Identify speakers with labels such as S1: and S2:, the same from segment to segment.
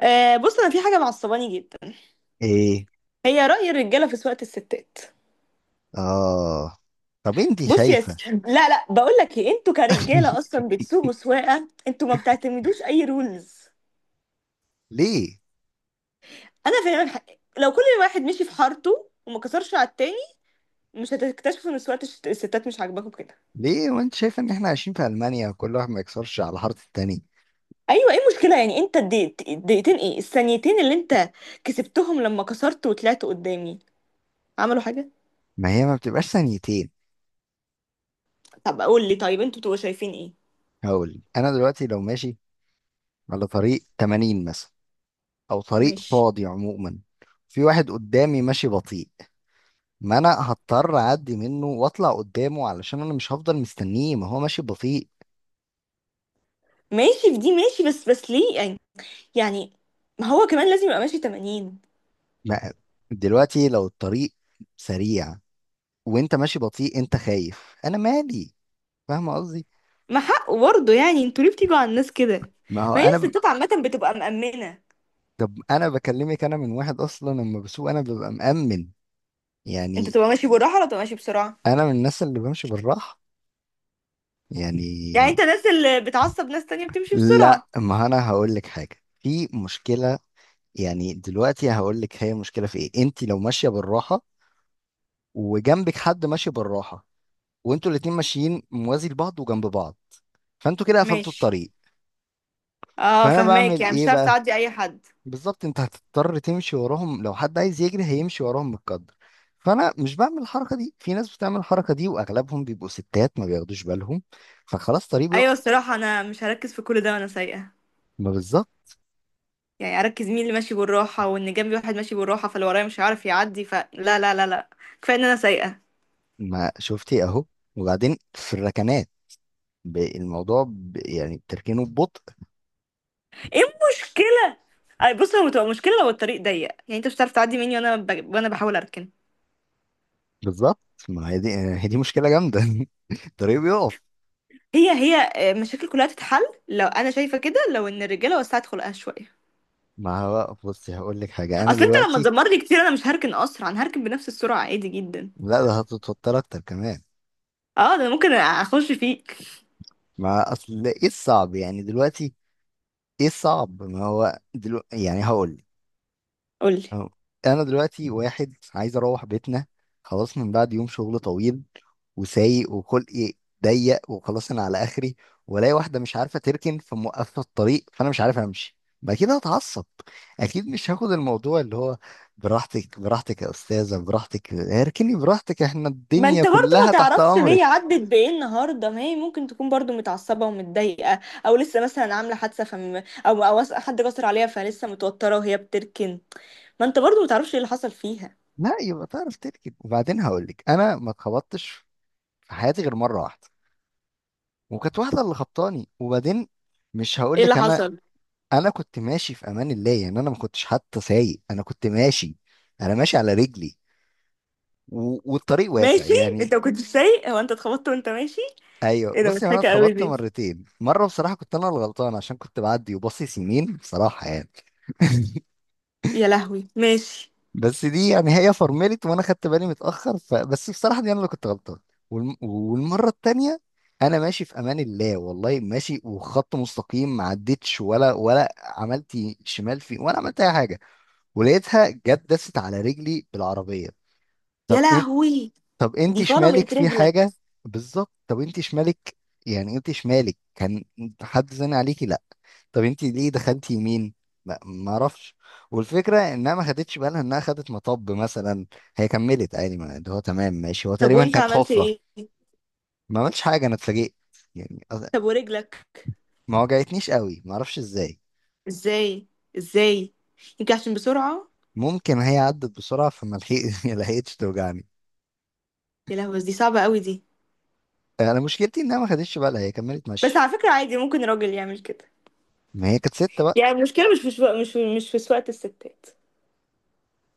S1: آه، بص، انا في حاجه معصباني جدا.
S2: ايه
S1: هي راي الرجاله في سواقه الستات.
S2: اه. طب انت
S1: بص يا
S2: شايفة؟
S1: ستي، لا لا، بقول لك ايه، انتوا كرجاله اصلا بتسوقوا سواقه، انتوا ما بتعتمدوش اي رولز.
S2: ليه
S1: انا فعلا لو كل واحد مشي في حارته وما كسرش على التاني، مش هتكتشفوا ان سواقه الستات مش عاجباكم كده.
S2: ليه وانت شايفة ان احنا عايشين في المانيا وكل واحد ما يكسرش على حارة التاني؟
S1: ايوه، ايه المشكله يعني؟ انت الدقيقتين، ايه، الثانيتين اللي انت كسبتهم لما كسرت وطلعت قدامي، عملوا حاجه؟
S2: ما هي ما بتبقاش ثانيتين.
S1: طب قول لي، طيب انتوا بتبقوا شايفين ايه؟
S2: هقول انا دلوقتي لو ماشي على طريق 80 مثلا، او طريق
S1: ماشي.
S2: فاضي عموما، في واحد قدامي ماشي بطيء، ما انا هضطر اعدي منه واطلع قدامه علشان انا مش هفضل مستنيه، ما هو ماشي بطيء.
S1: ماشي في دي، ماشي، بس ليه يعني ما هو كمان لازم يبقى ماشي 80.
S2: ما دلوقتي لو الطريق سريع وانت ماشي بطيء، انت خايف، انا مالي؟ فاهم قصدي؟
S1: ما حقه برضه يعني، انتوا ليه بتيجوا على الناس كده؟
S2: ما هو
S1: ما هي
S2: انا ب...
S1: الستات عامة بتبقى مأمنة.
S2: طب انا بكلمك، انا من واحد اصلا لما بسوق انا ببقى مأمن
S1: انت
S2: يعني.
S1: تبقى ماشي بالراحة ولا تبقى ماشي بسرعة؟
S2: انا من الناس اللي بمشي بالراحه
S1: يعني
S2: يعني.
S1: انت الناس اللي بتعصب ناس تانية بتمشي
S2: لا
S1: بسرعة.
S2: ما انا هقول لك حاجه، في مشكله. يعني دلوقتي هقول لك هي مشكله في ايه. انت لو ماشيه بالراحه وجنبك حد ماشي بالراحه وانتوا الاتنين ماشيين موازي لبعض وجنب بعض، فانتوا كده قفلتوا
S1: ماشي،
S2: الطريق.
S1: اه،
S2: فانا
S1: فهماك،
S2: بعمل
S1: يعني مش
S2: ايه
S1: هتعرف
S2: بقى؟
S1: تعدي اي حد.
S2: بالظبط، انت هتضطر تمشي وراهم، لو حد عايز يجري هيمشي وراهم، متقدر. فانا مش بعمل الحركه دي، في ناس بتعمل الحركه دي واغلبهم بيبقوا ستات، ما بياخدوش بالهم، فخلاص طريق بيقف.
S1: ايوه، الصراحة انا مش هركز في كل ده وانا سايقة.
S2: ما بالظبط.
S1: يعني اركز مين اللي ماشي بالراحة، وان جنبي واحد ماشي بالراحة، فاللي ورايا مش هيعرف يعدي، فلا، لا لا لا، كفاية ان انا سايقة.
S2: ما شفتي اهو. وبعدين في الركنات، يعني بتركينه ببطء.
S1: ايه المشكلة؟ اي بص، هو بتبقى مشكلة لو الطريق ضيق، يعني انت مش هتعرف تعدي مني وانا بحاول اركن.
S2: بالظبط. ما هي دي مشكله جامده. الطريق بيقف.
S1: هي هي آه، مشاكل كلها تتحل لو انا شايفة كده، لو ان الرجالة وسعت خلقها شوية.
S2: ما هو بصي هقول لك حاجه، انا
S1: اصل انت لما
S2: دلوقتي.
S1: تزمرني كتير، انا مش هركن اسرع، انا هركن بنفس السرعة عادي جدا.
S2: لا ده هتتوتر اكتر كمان.
S1: اه، ده أنا ممكن اخش فيك.
S2: ما اصل ايه الصعب يعني دلوقتي؟ ايه الصعب؟ ما هو دلوقتي يعني هقول.
S1: قولي.
S2: أه. انا دلوقتي واحد عايز اروح بيتنا، خلاص، من بعد يوم شغل طويل، وسايق وخلقي ضيق، وخلاص انا على اخري، والاقي واحده مش عارفه تركن فموقفه الطريق، فانا مش عارف امشي. ما اكيد هتعصب، اكيد مش هاخد الموضوع اللي هو براحتك براحتك يا استاذه، براحتك اركني براحتك، احنا
S1: ما
S2: الدنيا
S1: انت برضو ما
S2: كلها تحت
S1: تعرفش ان هي
S2: امرك.
S1: عدت بايه النهارده؟ ما هي ممكن تكون برضو متعصبه ومتضايقه، او لسه مثلا عامله حادثه، او حد جسر عليها، فلسه متوتره وهي بتركن. ما انت برضو ما تعرفش ايه اللي حصل فيها.
S2: لا يبقى تعرف تركن. وبعدين هقول لك انا ما اتخبطتش في حياتي غير مره واحده، وكانت واحده اللي خبطاني. وبعدين مش هقول
S1: ايه
S2: لك
S1: اللي
S2: انا،
S1: حصل؟
S2: انا كنت ماشي في امان الله، يعني انا ما كنتش حتى سايق، انا كنت ماشي. انا ماشي على رجلي والطريق واسع
S1: ماشي.
S2: يعني.
S1: انت ما كنتش سايق، هو انت اتخبطت وانت ماشي؟
S2: ايوه
S1: ايه ده،
S2: بص، يعني انا
S1: مضحكه قوي
S2: اتخبطت
S1: دي.
S2: مرتين. مره بصراحه كنت انا الغلطان، عشان كنت بعدي وباصص يمين بصراحه يعني.
S1: يا لهوي، ماشي.
S2: بس دي يعني هي فرملت وانا خدت بالي متاخر، فبس بصراحه دي انا اللي كنت غلطان. والمره التانيه، انا ماشي في امان الله والله، ماشي وخط مستقيم، ما عدتش ولا عملت شمال فيه، ولا عملت اي حاجه، ولقيتها جت دست على رجلي بالعربية.
S1: يا
S2: طب إيه؟
S1: لهوي،
S2: طب انت
S1: دي
S2: شمالك
S1: فرمت
S2: في
S1: رجلك.
S2: حاجة؟ بالظبط. طب انت شمالك، يعني انت شمالك كان حد زن عليكي؟ لا. طب انت ليه دخلتي يمين؟ ما اعرفش. والفكرة انها ما خدتش بالها، انها خدت مطب مثلا، هي كملت عادي، ما اللي هو تمام ماشي، هو
S1: طب
S2: تقريبا
S1: وانت
S2: كانت
S1: عملت
S2: حفرة.
S1: ايه؟
S2: ما عملتش حاجة، انا اتفاجئت يعني.
S1: طب ورجلك؟
S2: ما وجعتنيش قوي، ما اعرفش ازاي.
S1: ازاي؟ ازاي؟ يمكن عشان بسرعه.
S2: ممكن هي عدت بسرعة لحقتش توجعني.
S1: يا لهوي، بس دي صعبه قوي دي.
S2: انا مشكلتي انها ما خدتش بالها، هي كملت
S1: بس على
S2: ماشية.
S1: فكره، عادي ممكن راجل يعمل كده.
S2: ما هي كانت ستة بقى.
S1: يعني المشكله مش في شو... مش في... مش في سواقه الستات.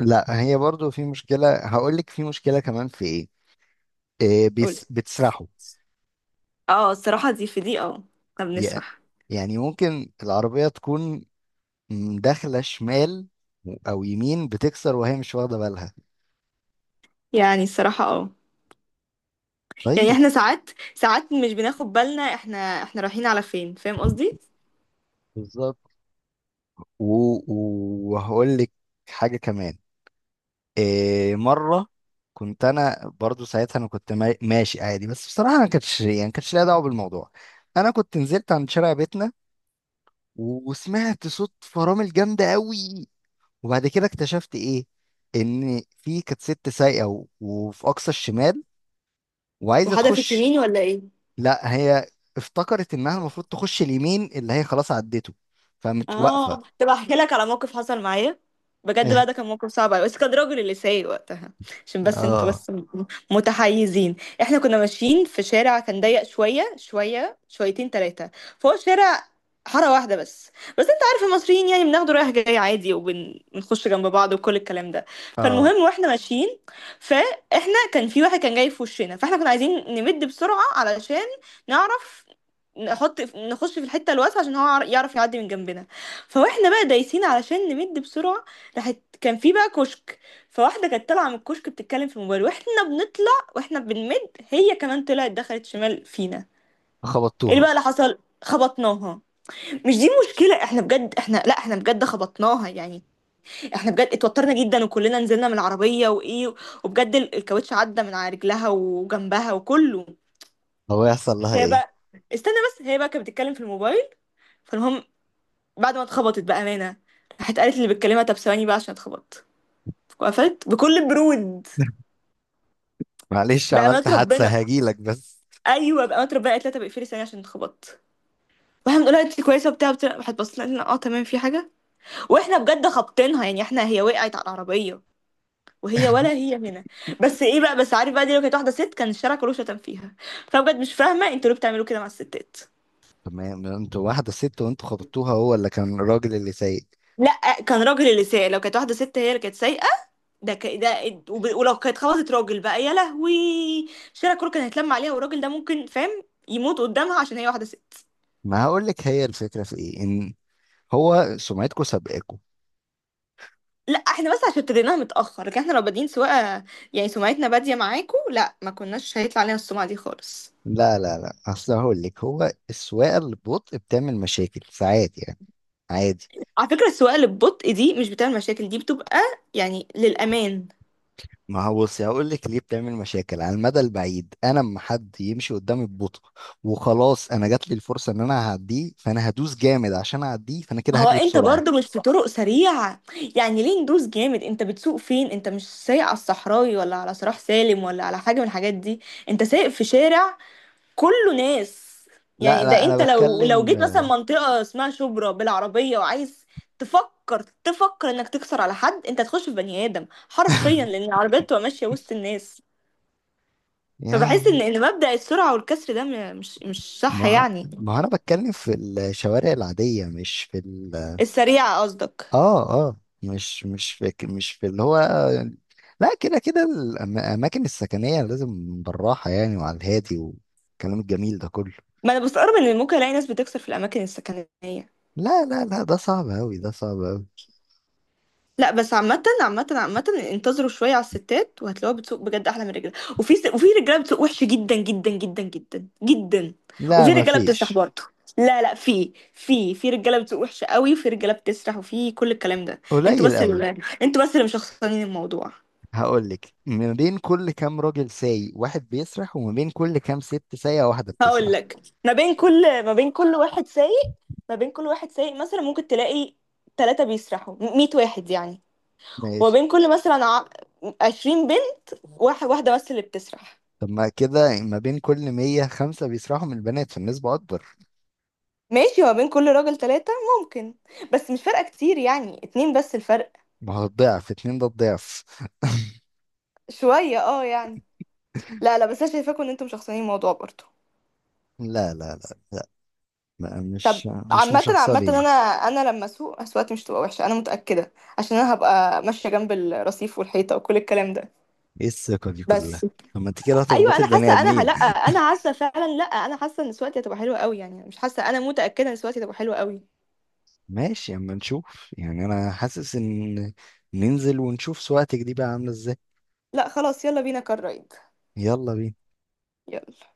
S2: لا هي برضو في مشكلة، هقول لك في مشكلة كمان، في ايه، إيه،
S1: قولي.
S2: بيس بتسرحوا.
S1: اه، الصراحه دي في دي، اه. احنا
S2: يا-
S1: بنسرح.
S2: يعني ممكن العربية تكون داخلة شمال او يمين، بتكسر وهي مش واخدة بالها.
S1: يعني الصراحه اه. يعني
S2: طيب.
S1: احنا ساعات، ساعات مش بناخد بالنا، احنا احنا رايحين على فين، فاهم قصدي.
S2: بالظبط. و- و- وهقول لك حاجة كمان. إيه، مرة كنت انا برضو ساعتها، انا كنت ماشي عادي، بس بصراحة انا كانتش يعني كانتش ليها دعوة بالموضوع. انا كنت نزلت عند شارع بيتنا، وسمعت صوت فرامل جامدة قوي، وبعد كده اكتشفت ايه، ان في كانت ست سايقه، و- وفي اقصى الشمال وعايزه
S1: محادة في
S2: تخش.
S1: تيميني ولا ايه؟
S2: لا هي افتكرت انها المفروض تخش اليمين اللي هي خلاص عدته، فقامت واقفه.
S1: اه، طب احكي لك على موقف حصل معايا. بجد بقى، ده كان موقف صعب أوي، بس كان راجل اللي سايق وقتها. عشان بس انتوا
S2: اه
S1: بس متحيزين. احنا كنا ماشيين في شارع كان ضيق شويه شويه، شويتين ثلاثه. فهو شارع حاره واحده بس. بس انت عارف المصريين، يعني بناخده رايح جاي عادي وبنخش جنب بعض وكل الكلام ده.
S2: اه.
S1: فالمهم، واحنا ماشيين، فاحنا كان في واحد كان جاي في وشنا، فاحنا كنا عايزين نمد بسرعه علشان نعرف نخش في الحته الواسعه عشان هو يعرف يعدي من جنبنا. فواحنا بقى دايسين علشان نمد بسرعة. راحت كان في بقى كشك، فواحدة كانت طالعة من الكشك بتتكلم في الموبايل، واحنا بنطلع، واحنا بنمد، هي كمان طلعت دخلت شمال فينا. ايه بقى
S2: خبطتوها؟
S1: اللي حصل؟ خبطناها. مش دي مشكلة، احنا بجد احنا، لا، احنا بجد خبطناها يعني. احنا بجد اتوترنا جدا، وكلنا نزلنا من العربية وايه، وبجد الكاوتش عدى من على رجلها وجنبها وكله.
S2: هو يحصل لها
S1: هي
S2: ايه؟
S1: بقى، استنى بس، هي بقى كانت بتتكلم في الموبايل. فالمهم، بعد ما اتخبطت، بأمانة، راحت قالت اللي بتكلمها طب ثواني بقى عشان اتخبط. وقفت بكل برود.
S2: معلش
S1: بأمانة
S2: عملت حادثه
S1: ربنا.
S2: هجيلك بس.
S1: أيوه، بأمانة ربنا، قالت لها طب اقفلي ثانية عشان اتخبطت. واحنا بنقول لها انت كويسه وبتاع بتاع، راحت بصت لنا قالت لنا اه تمام في حاجه. واحنا بجد خابطينها يعني، احنا هي وقعت على العربيه، وهي ولا هي هنا. بس ايه بقى، بس عارف بقى، دي لو كانت واحده ست كان الشارع كله شتم فيها. فبجد مش فاهمه انتوا ليه بتعملوا كده مع الستات.
S2: تمام انتوا واحده ست وانتوا خبطتوها، هو اللي كان الراجل اللي سايق.
S1: لا، كان راجل اللي سايق، لو كانت واحده ست هي اللي كانت سايقه. ده ك... ده وب- ولو كانت خبطت راجل بقى يا لهوي، الشارع كله كان هيتلم عليها، والراجل ده ممكن فاهم يموت قدامها عشان هي واحده ست.
S2: ما هقول لك، هي الفكره في ايه؟ ان هو سمعتكم سابقاكم.
S1: لا، احنا بس عشان ابتديناها متأخر، لكن احنا لو بادئين سواقة، يعني سمعتنا بادية معاكم، لا، ما كناش هيطلع علينا السمعة دي خالص.
S2: لا لا لا، اصل هقول لك، هو السواقه اللي ببطء بتعمل مشاكل ساعات يعني، عادي.
S1: على فكرة السواقة اللي ببطء دي مش بتعمل مشاكل، دي بتبقى يعني للأمان.
S2: ما هو بصي هقول لك ليه بتعمل مشاكل على المدى البعيد. انا اما حد يمشي قدامي ببطء وخلاص انا جات لي الفرصه ان انا هعديه، فانا هدوس جامد عشان اعديه، فانا كده
S1: هو
S2: هجري
S1: انت
S2: بسرعه.
S1: برضه مش في طرق سريعة؟ يعني ليه ندوس جامد؟ انت بتسوق فين، انت مش سايق على الصحراوي ولا على صلاح سالم ولا على حاجة من الحاجات دي، انت سايق في شارع كله ناس.
S2: لا
S1: يعني ده
S2: لا انا
S1: انت لو
S2: بتكلم.
S1: جيت مثلا منطقة اسمها شبرا بالعربية، وعايز تفكر تفكر انك تكسر على حد، انت تخش في بني ادم حرفيا لان العربيات بتبقى ماشية وسط الناس. فبحس ان
S2: يعني
S1: ان مبدأ السرعة والكسر ده مش صح
S2: ما
S1: يعني.
S2: ما هو انا بتكلم في الشوارع العاديه، مش في ال...
S1: السريعة قصدك.
S2: اه اه. مش فاكر، مش في اللي هو يعني. لا، كده كده الأماكن السكنية لازم بالراحة يعني، وعلى الهادي والكلام الجميل ده كله.
S1: ما انا بستغرب ان ممكن الاقي ناس بتكسر في الاماكن السكنية.
S2: لا لا لا، ده صعب أوي، ده صعب أوي.
S1: لا، بس عامة عامة عامة، انتظروا شوية على الستات وهتلاقوها بتسوق بجد أحلى من الرجالة، وفي رجالة بتسوق وحش جدا جدا جدا جدا جدا،
S2: لا
S1: وفي رجالة بتسرح
S2: مفيش،
S1: برضه. لا لا، في رجالة بتسوق وحش قوي، وفي رجالة بتسرح وفي كل الكلام ده. انتوا
S2: قليل
S1: بس
S2: أوي.
S1: اللي انتوا بس اللي مشخصنين الموضوع.
S2: هقولك، ما بين كل كام راجل سايق واحد بيسرح، وما بين كل كام ست سايقة واحدة
S1: هقول
S2: بتسرح.
S1: لك، ما بين كل واحد سايق، ما بين كل واحد سايق مثلا ممكن تلاقي 3 بيسرحوا 100 واحد يعني. وما
S2: ماشي.
S1: بين كل مثلا 20 بنت واحد، واحدة بس اللي بتسرح.
S2: طب ما كده ما بين كل 100 خمسة بيسرحوا من البنات، فالنسبة أكبر.
S1: ماشي، ما بين كل راجل 3، ممكن، بس مش فارقة كتير يعني، 2 بس الفرق،
S2: ما هو الضعف اتنين، ده الضعف.
S1: شوية اه يعني. لا لا، بس انا شايفاكم ان انتم مشخصنين الموضوع برضه.
S2: لا لا لا لا، مش
S1: عامة عامة،
S2: مشخصنين.
S1: انا انا لما اسوق اسواقتي مش تبقى وحشة، انا متأكدة عشان انا هبقى ماشية جنب الرصيف والحيطة وكل الكلام ده.
S2: ايه الثقة دي كلها؟
S1: بس
S2: طب ما انت كده
S1: ايوه،
S2: هتخبطي
S1: انا
S2: البني
S1: حاسة،
S2: ادمين.
S1: لا انا حاسة فعلا، لا، انا حاسة ان سواقتي هتبقى حلوة قوي يعني، مش حاسة، انا متأكدة ان سواقتي هتبقى حلوة قوي.
S2: ماشي اما نشوف. يعني انا حاسس ان ننزل ونشوف سواقتك دي بقى عاملة ازاي.
S1: لا خلاص، يلا بينا كار رايد.
S2: يلا بينا.
S1: يلا.